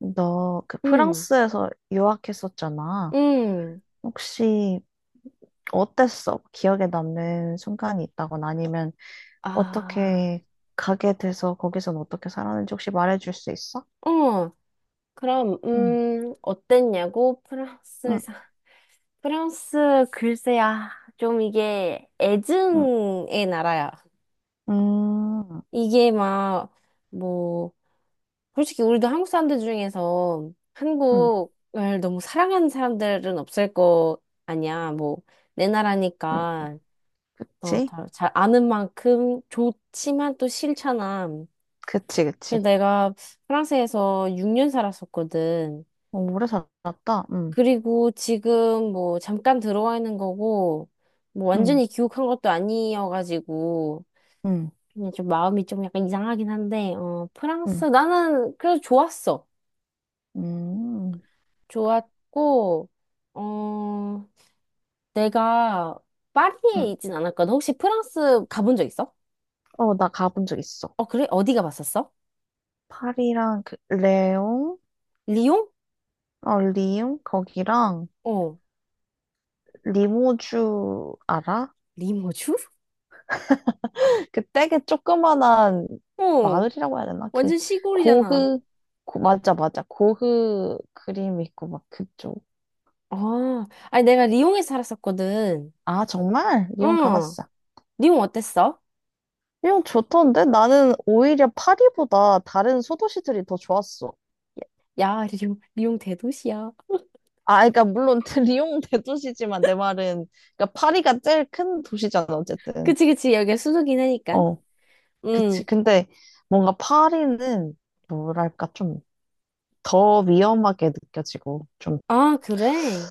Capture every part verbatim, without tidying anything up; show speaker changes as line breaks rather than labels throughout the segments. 너 그
음,
프랑스에서 유학했었잖아.
음,
혹시 어땠어? 기억에 남는 순간이 있다거나 아니면
아,
어떻게 가게 돼서 거기선 어떻게 살았는지 혹시 말해줄 수 있어?
어, 그럼,
응,
음, 어땠냐고?
응,
프랑스에서. 프랑스, 글쎄야, 좀 이게
응,
애증의 나라야.
응,
이게 막, 뭐, 솔직히 우리도 한국 사람들 중에서
응,
한국을 너무 사랑하는 사람들은 없을 거 아니야. 뭐, 내
응.
나라니까, 어,
그치?
다- 잘 아는 만큼 좋지만 또 싫잖아.
그치,
그래
그치.
내가 프랑스에서 육 년 살았었거든.
어, 오래 살았다. 응,
그리고 지금 뭐 잠깐 들어와 있는 거고, 뭐
응,
완전히 귀국한 것도 아니어가지고,
응,
그냥 좀 마음이 좀 약간 이상하긴 한데, 어,
응,
프랑스, 나는 그래도 좋았어.
응,
좋았고, 어, 내가
응.
파리에 있진 않았거든. 혹시 프랑스 가본 적 있어?
어, 나 가본 적 있어.
어, 그래? 어디 가봤었어?
파리랑 그 레옹,
리옹?
어, 리옹 거기랑
어,
리모주 알아?
리모주?
그 되게 조그만한
어,
마을이라고 해야 되나? 그
완전 시골이잖아.
고흐 고- 맞아 맞아 고흐 그림 있고 막 그쪽.
아, 아니 내가 리옹에 서 살았었거든.
아 정말? 리옹
응.
가봤어.
리옹 어땠어?
리옹 좋던데 나는 오히려 파리보다 다른 소도시들이 더 좋았어.
야, 리옹, 리옹 대도시야.
아 그러니까 물론 리옹 대도시지만 내 말은 그러니까 파리가 제일 큰 도시잖아 어쨌든.
그치, 그치. 여기가 수도긴 하니까.
어 그치.
응.
근데 뭔가 파리는 뭐랄까 좀 더 위험하게 느껴지고 좀
아, 그래?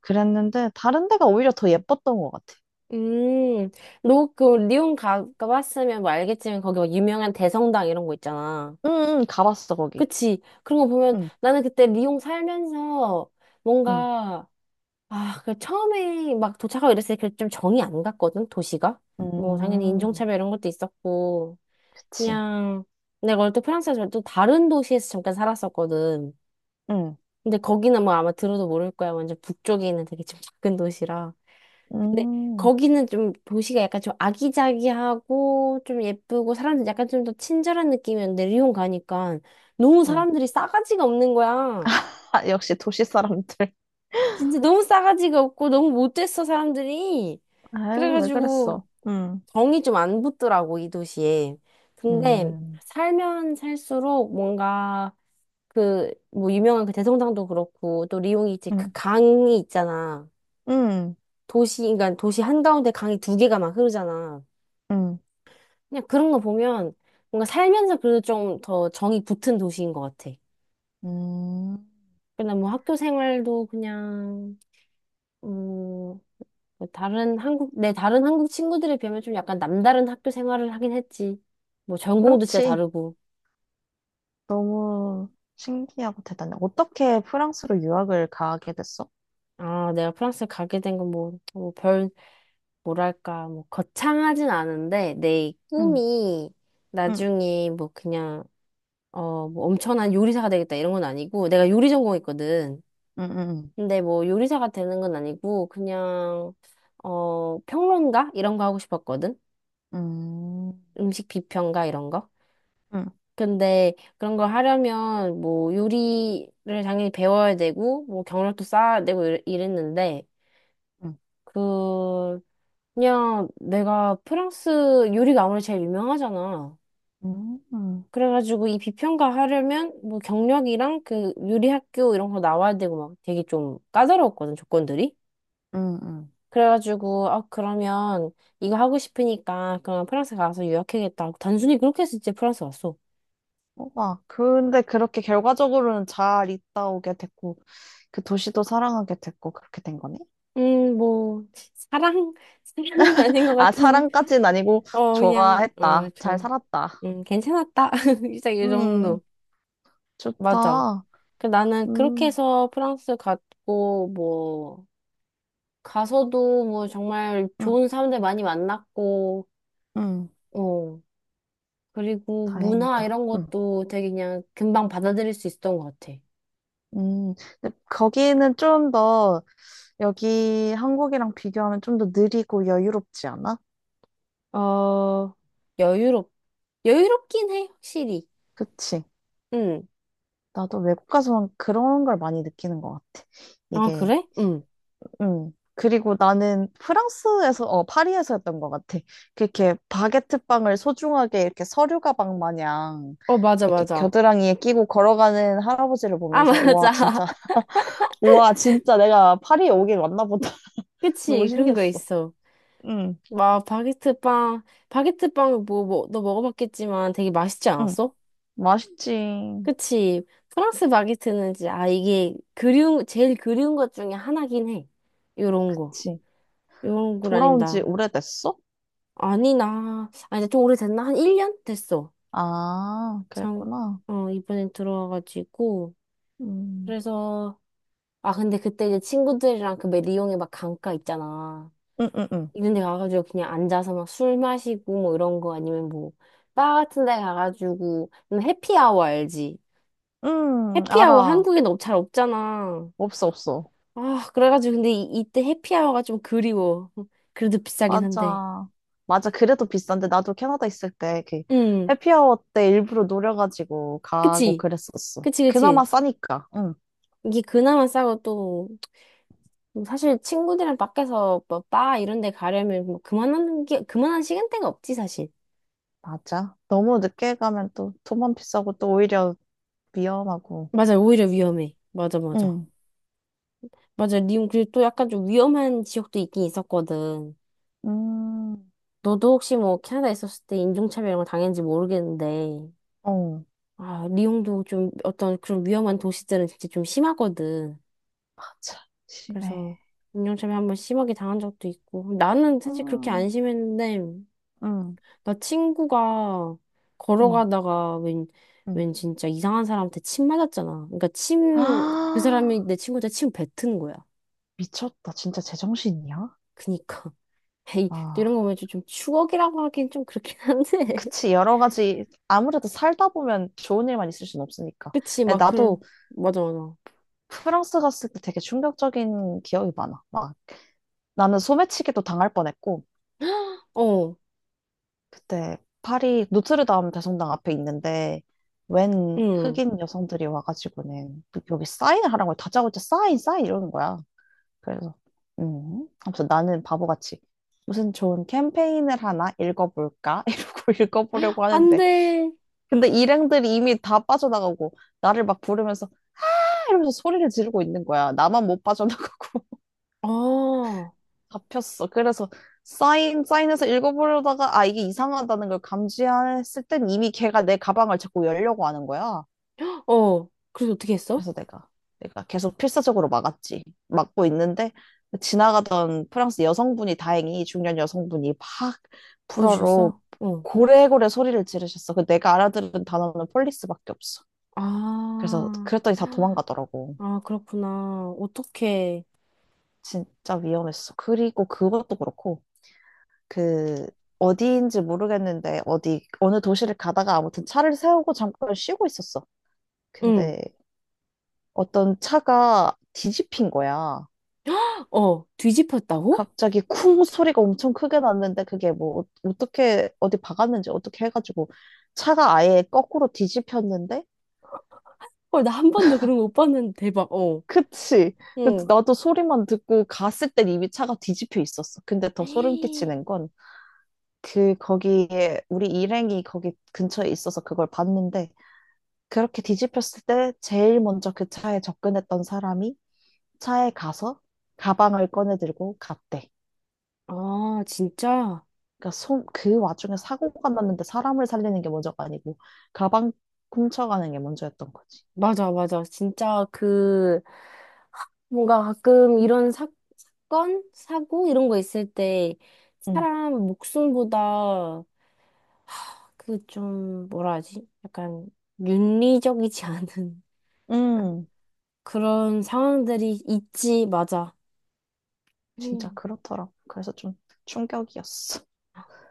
그랬는데 다른 데가 오히려 더 예뻤던 것 같아.
음. 너 그 리옹 가, 가봤으면 뭐 알겠지만 거기 막 유명한 대성당 이런 거 있잖아.
응, 응, 가봤어 거기.
그치. 그런 거 보면
응,
나는 그때 리옹 살면서
응,
뭔가 아, 그 처음에 막 도착하고 이랬을 때 좀 정이 안 갔거든, 도시가. 뭐 당연히
음,
인종차별 이런 것도 있었고.
그치.
그냥 내가 원래 또 프랑스에서 또 다른 도시에서 잠깐 살았었거든.
응,
근데 거기는 뭐 아마 들어도 모를 거야. 완전 북쪽에 있는 되게 좀 작은 도시라. 근데
음,
거기는 좀 도시가 약간 좀 아기자기하고 좀 예쁘고 사람들 약간 좀 더 친절한 느낌이었는데 리옹 가니까 너무
응.
사람들이 싸가지가 없는 거야.
아, 역시 도시 사람들.
진짜 너무 싸가지가 없고 너무 못됐어 사람들이.
아유, 왜
그래가지고
그랬어? 응,
정이 좀 안 붙더라고 이 도시에. 근데
음,
살면 살수록 뭔가 그, 뭐, 유명한 그 대성당도 그렇고, 또 리옹이지, 그
응,
강이 있잖아.
응,
도시, 그러니까 도시 한가운데 강이 두 개가 막 흐르잖아.
응,
그냥 그런 거 보면 뭔가 살면서 그래도 좀 더 정이 붙은 도시인 것 같아.
응. 음,
그냥 뭐 학교 생활도 그냥, 음, 뭐 다른 한국, 내 다른 한국 친구들에 비하면 좀 약간 남다른 학교 생활을 하긴 했지. 뭐 전공도 진짜
그렇지.
다르고.
너무 신기하고 대단해. 어떻게 프랑스로 유학을 가게 됐어?
아, 내가 프랑스 가게 된 건 뭐, 뭐 별, 뭐랄까, 뭐, 거창하진 않은데, 내
응,
꿈이
응,
나중에 뭐 그냥, 어, 뭐 엄청난 요리사가 되겠다 이런 건 아니고, 내가 요리 전공했거든.
응, 응,
근데 뭐 요리사가 되는 건 아니고, 그냥, 어, 평론가? 이런 거 하고 싶었거든?
응,
음식 비평가 이런 거?
응,
근데 그런 걸 하려면 뭐 요리를 당연히 배워야 되고, 뭐 경력도 쌓아야 되고 이랬- 이랬는데,
응,
그, 그냥 내가 프랑스 요리가 아무래도 제일 유명하잖아.
응, 응,
그래가지고 이 비평가 하려면 뭐 경력이랑 그 요리 학교 이런 거 나와야 되고 막 되게 좀 까다로웠거든, 조건들이.
응, 응.
그래가지고, 아, 그러면 이거 하고 싶으니까 그냥 프랑스 가서 유학하겠다 하고 단순히 그렇게 해서 이제 프랑스 갔어.
막 근데 그렇게 결과적으로는 잘 있다 오게 됐고 그 도시도 사랑하게 됐고 그렇게 된 거네.
음, 뭐, 사랑, 사랑은 아닌 것
아,
같은,
사랑까진 아니고
어, 그냥,
좋아했다.
어,
잘
좋아.
살았다.
음, 괜찮았다. 진짜 이
음,
정도. 맞아.
좋다.
그 나는 그렇게
음,
해서 프랑스 갔고, 뭐, 가서도 뭐 정말
음,
좋은 사람들 많이 만났고,
음,
어, 그리고 문화
다행이다.
이런
음,
것도 되게 그냥 금방 받아들일 수 있었던 것 같아.
음. 근데 거기는 좀 더 여기 한국이랑 비교하면 좀 더 느리고 여유롭지 않아?
어, 여유롭, 여유롭긴 해, 확실히.
그치?
응.
나도 외국 가서 그런 걸 많이 느끼는 것 같아.
아,
이게
그래? 응.
음. 그리고 나는 프랑스에서, 어, 파리에서였던 것 같아. 그렇게 바게트 빵을 소중하게 이렇게 서류 가방 마냥
어, 맞아,
이렇게
맞아.
겨드랑이에 끼고 걸어가는 할아버지를
아,
보면서, 우와,
맞아.
진짜, 우와, 진짜 내가 파리에 오길 왔나 보다. 너무
그치, 그런 거
신기했어.
있어.
응,
막, 바게트 빵, 바게트 빵, 뭐, 뭐, 너 먹어봤겠지만 되게 맛있지
응.
않았어?
맛있지.
그치. 프랑스 바게트는 이제, 아, 이게 그리운, 제일 그리운 것 중에 하나긴 해. 요런 거.
그치.
요런 건
돌아온 지
아닙니다.
오래됐어?
아니, 나, 아, 이제 좀 오래됐나? 한 일 년? 됐어.
아,
참,
그랬구나.
어, 이번엔 들어와가지고.
음,
그래서, 아, 근데 그때 이제 친구들이랑 그 왜 리옹에 막 강가 있잖아.
응, 응, 응.
이런 데 가가지고 그냥 앉아서 막 술 마시고 뭐 이런 거 아니면 뭐, 바 같은 데 가가지고, 해피아워 알지?
응,
해피아워
알아.
한국엔 없- 잘 없잖아.
없어, 없어.
아, 그래가지고 근데 이, 이때 해피아워가 좀 그리워. 그래도 비싸긴 한데.
맞아. 맞아. 그래도 비싼데, 나도 캐나다 있을 때, 그,
응,
해피아워 때 일부러 노려가지고 가고
그치.
그랬었어.
그치, 그치.
그나마 싸니까. 응,
이게 그나마 싸고 또, 뭐 사실 친구들이랑 밖에서 뭐, 바 이런 데 가려면 뭐, 그만한 게, 그만한 시간대가 없지, 사실.
맞아. 너무 늦게 가면 또 돈만 비싸고 또 오히려 위험하고.
맞아, 오히려 위험해. 맞아, 맞아.
응,
맞아, 리움, 그리고 또 약간 좀 위험한 지역도 있긴 있었거든.
음,
너도 혹시 뭐, 캐나다 있었을 때 인종차별 이런 거 당했는지 모르겠는데,
어,
아, 리옹도 좀 어떤 그런 위험한 도시들은 진짜 좀 심하거든.
맞아.
그래서
심해.
운영점에 한번 심하게 당한 적도 있고. 나는 사실 그렇게
음,
안 심했는데,
음,
나 친구가
음,
걸어가다가 웬,
음.
웬 진짜 이상한 사람한테 침 맞았잖아. 그러니까 침, 그
아,
사람이 내 친구한테 침 뱉은 거야.
미쳤다. 진짜 제정신이야?
그니까. 에이, 또 이런
아,
거 보면 좀 좀 추억이라고 하긴 좀 그렇긴 한데.
그치. 여러 가지, 아무래도 살다 보면 좋은 일만 있을 순 없으니까.
그치, 막
나도
그런, 맞아, 맞아.
프랑스 갔을 때 되게 충격적인 기억이 많아. 막 나는 소매치기도 당할 뻔했고
어,
그때 파리 노트르담 대성당 앞에 있는데 웬
응.
흑인 여성들이 와가지고는 그- 여기 사인을 하라고 해요. 다짜고짜 사인 사인 이러는 거야. 그래서 음 아무튼 나는 바보같이 무슨 좋은 캠페인을 하나 읽어볼까 이러고 읽어보려고
안
하는데
돼.
근데 일행들이 이미 다 빠져나가고 나를 막 부르면서 아! 이러면서 소리를 지르고 있는 거야. 나만 못 빠져나가고
아, 어.
잡혔어. 그래서 사인, 사인해서 읽어보려다가, 아, 이게 이상하다는 걸 감지했을 땐 이미 걔가 내 가방을 자꾸 열려고 하는 거야.
그래서 어떻게 했어?
그래서 내가, 내가 계속 필사적으로 막았지. 막고 있는데, 지나가던 프랑스 여성분이 다행히, 중년 여성분이 팍 불어로
도와주셨어? 어.
고래고래 소리를 지르셨어. 그 내가 알아들은 단어는 폴리스밖에 없어. 그래서
아.
그랬더니 다 도망가더라고.
아, 그렇구나. 어떻게,
진짜 위험했어. 그리고 그것도 그렇고, 그 어디인지 모르겠는데 어디 어느 도시를 가다가 아무튼 차를 세우고 잠깐 쉬고 있었어.
응,
근데 어떤 차가 뒤집힌 거야.
어, 뒤집혔다고?
갑자기 쿵 소리가 엄청 크게 났는데 그게 뭐 어- 어떻게 어디 박았는지 어떻게 해가지고 차가 아예 거꾸로 뒤집혔는데
헐, 나 한 번도 그런 거 못 봤는데 대박, 어,
그치. 그래서
응.
나도 소리만 듣고 갔을 땐 이미 차가 뒤집혀 있었어. 근데 더 소름
헤이.
끼치는 건 그 거기에 우리 일행이 거기 근처에 있어서 그걸 봤는데 그렇게 뒤집혔을 때 제일 먼저 그 차에 접근했던 사람이 차에 가서 가방을 꺼내 들고 갔대.
아, 진짜?
그러니까 손, 그 와중에 사고가 났는데 사람을 살리는 게 먼저가 아니고 가방 훔쳐가는 게 먼저였던 거지.
맞아, 맞아. 진짜 그, 뭔가 가끔 이런 사, 사건? 사고? 이런 거 있을 때,
응,
사람 목숨보다 그 좀, 뭐라 하지? 약간 윤리적이지 않은
응,
그런 상황들이 있지, 맞아.
진짜 그렇더라고. 그래서 좀 충격이었어.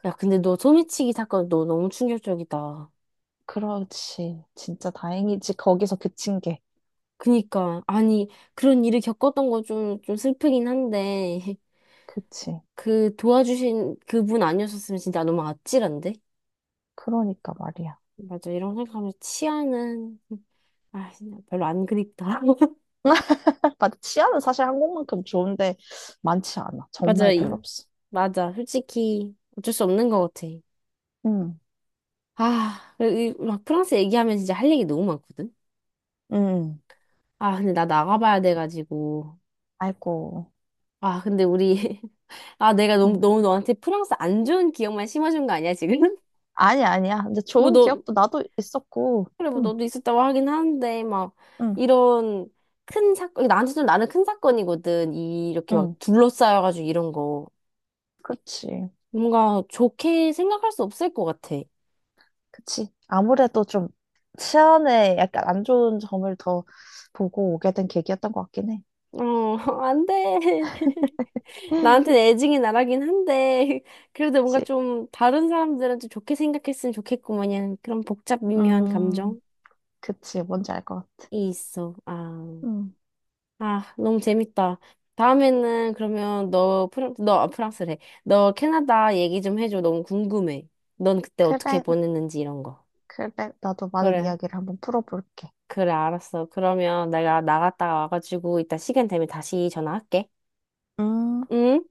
야, 근데 너 소매치기 사건 너 너무 충격적이다.
그렇지. 진짜 다행이지. 거기서 그친 게.
그니까, 아니, 그런 일을 겪었던 거 좀, 좀 슬프긴 한데,
그치.
그 도와주신 그분 아니었었으면 진짜 너무 아찔한데?
그러니까 말이야.
맞아, 이런 생각하면 치아는, 아, 진짜 별로 안 그립다.
맞아. 치안은 사실 한국만큼 좋은데 많지 않아.
맞아,
정말 별로
이,
없어.
맞아. 솔직히 어쩔 수 없는 것 같아.
응,
아, 이- 막 프랑스 얘기하면 진짜 할 얘기 너무 많거든?
응.
아, 근데 나 나가봐야 돼가지고.
아이고.
아, 근데 우리, 아, 내가 너무,
응.
너무 너한테 프랑스 안 좋은 기억만 심어준 거 아니야, 지금?
아니, 아니야. 근데
뭐
좋은
너,
기억도 나도 있었고.
그래, 뭐
응,
너도 있었다고 하긴 하는데, 막,
응,
이런 큰 사건, 나한테 좀 나는 큰 사건이거든. 이, 이렇게 막
응.
둘러싸여가지고 이런 거.
그렇지.
뭔가 좋게 생각할 수 없을 것 같아.
그치. 아무래도 좀 치안에 약간 안 좋은 점을 더 보고 오게 된 계기였던 것 같긴 해.
어, 안 돼. 나한테는 애증이 나라긴 한데, 그래도 뭔가
그치.
좀 다른 사람들은 좀 좋게 생각했으면 좋겠구만, 이런 그런 복잡 미묘한 감정이
음, 그치. 뭔지 알 것 같아.
있어. 아.
음,
아, 너무 재밌다. 다음에는 그러면 너 프랑, 너 아, 프랑스래. 너 캐나다 얘기 좀 해줘. 너무 궁금해. 넌 그때 어떻게
그래,
보냈는지 이런 거.
그래. 나도 많은
그래,
이야기를 한번 풀어볼게.
그래, 알았어. 그러면 내가 나갔다가 와가지고 이따 시간 되면 다시 전화할게.
음.
응?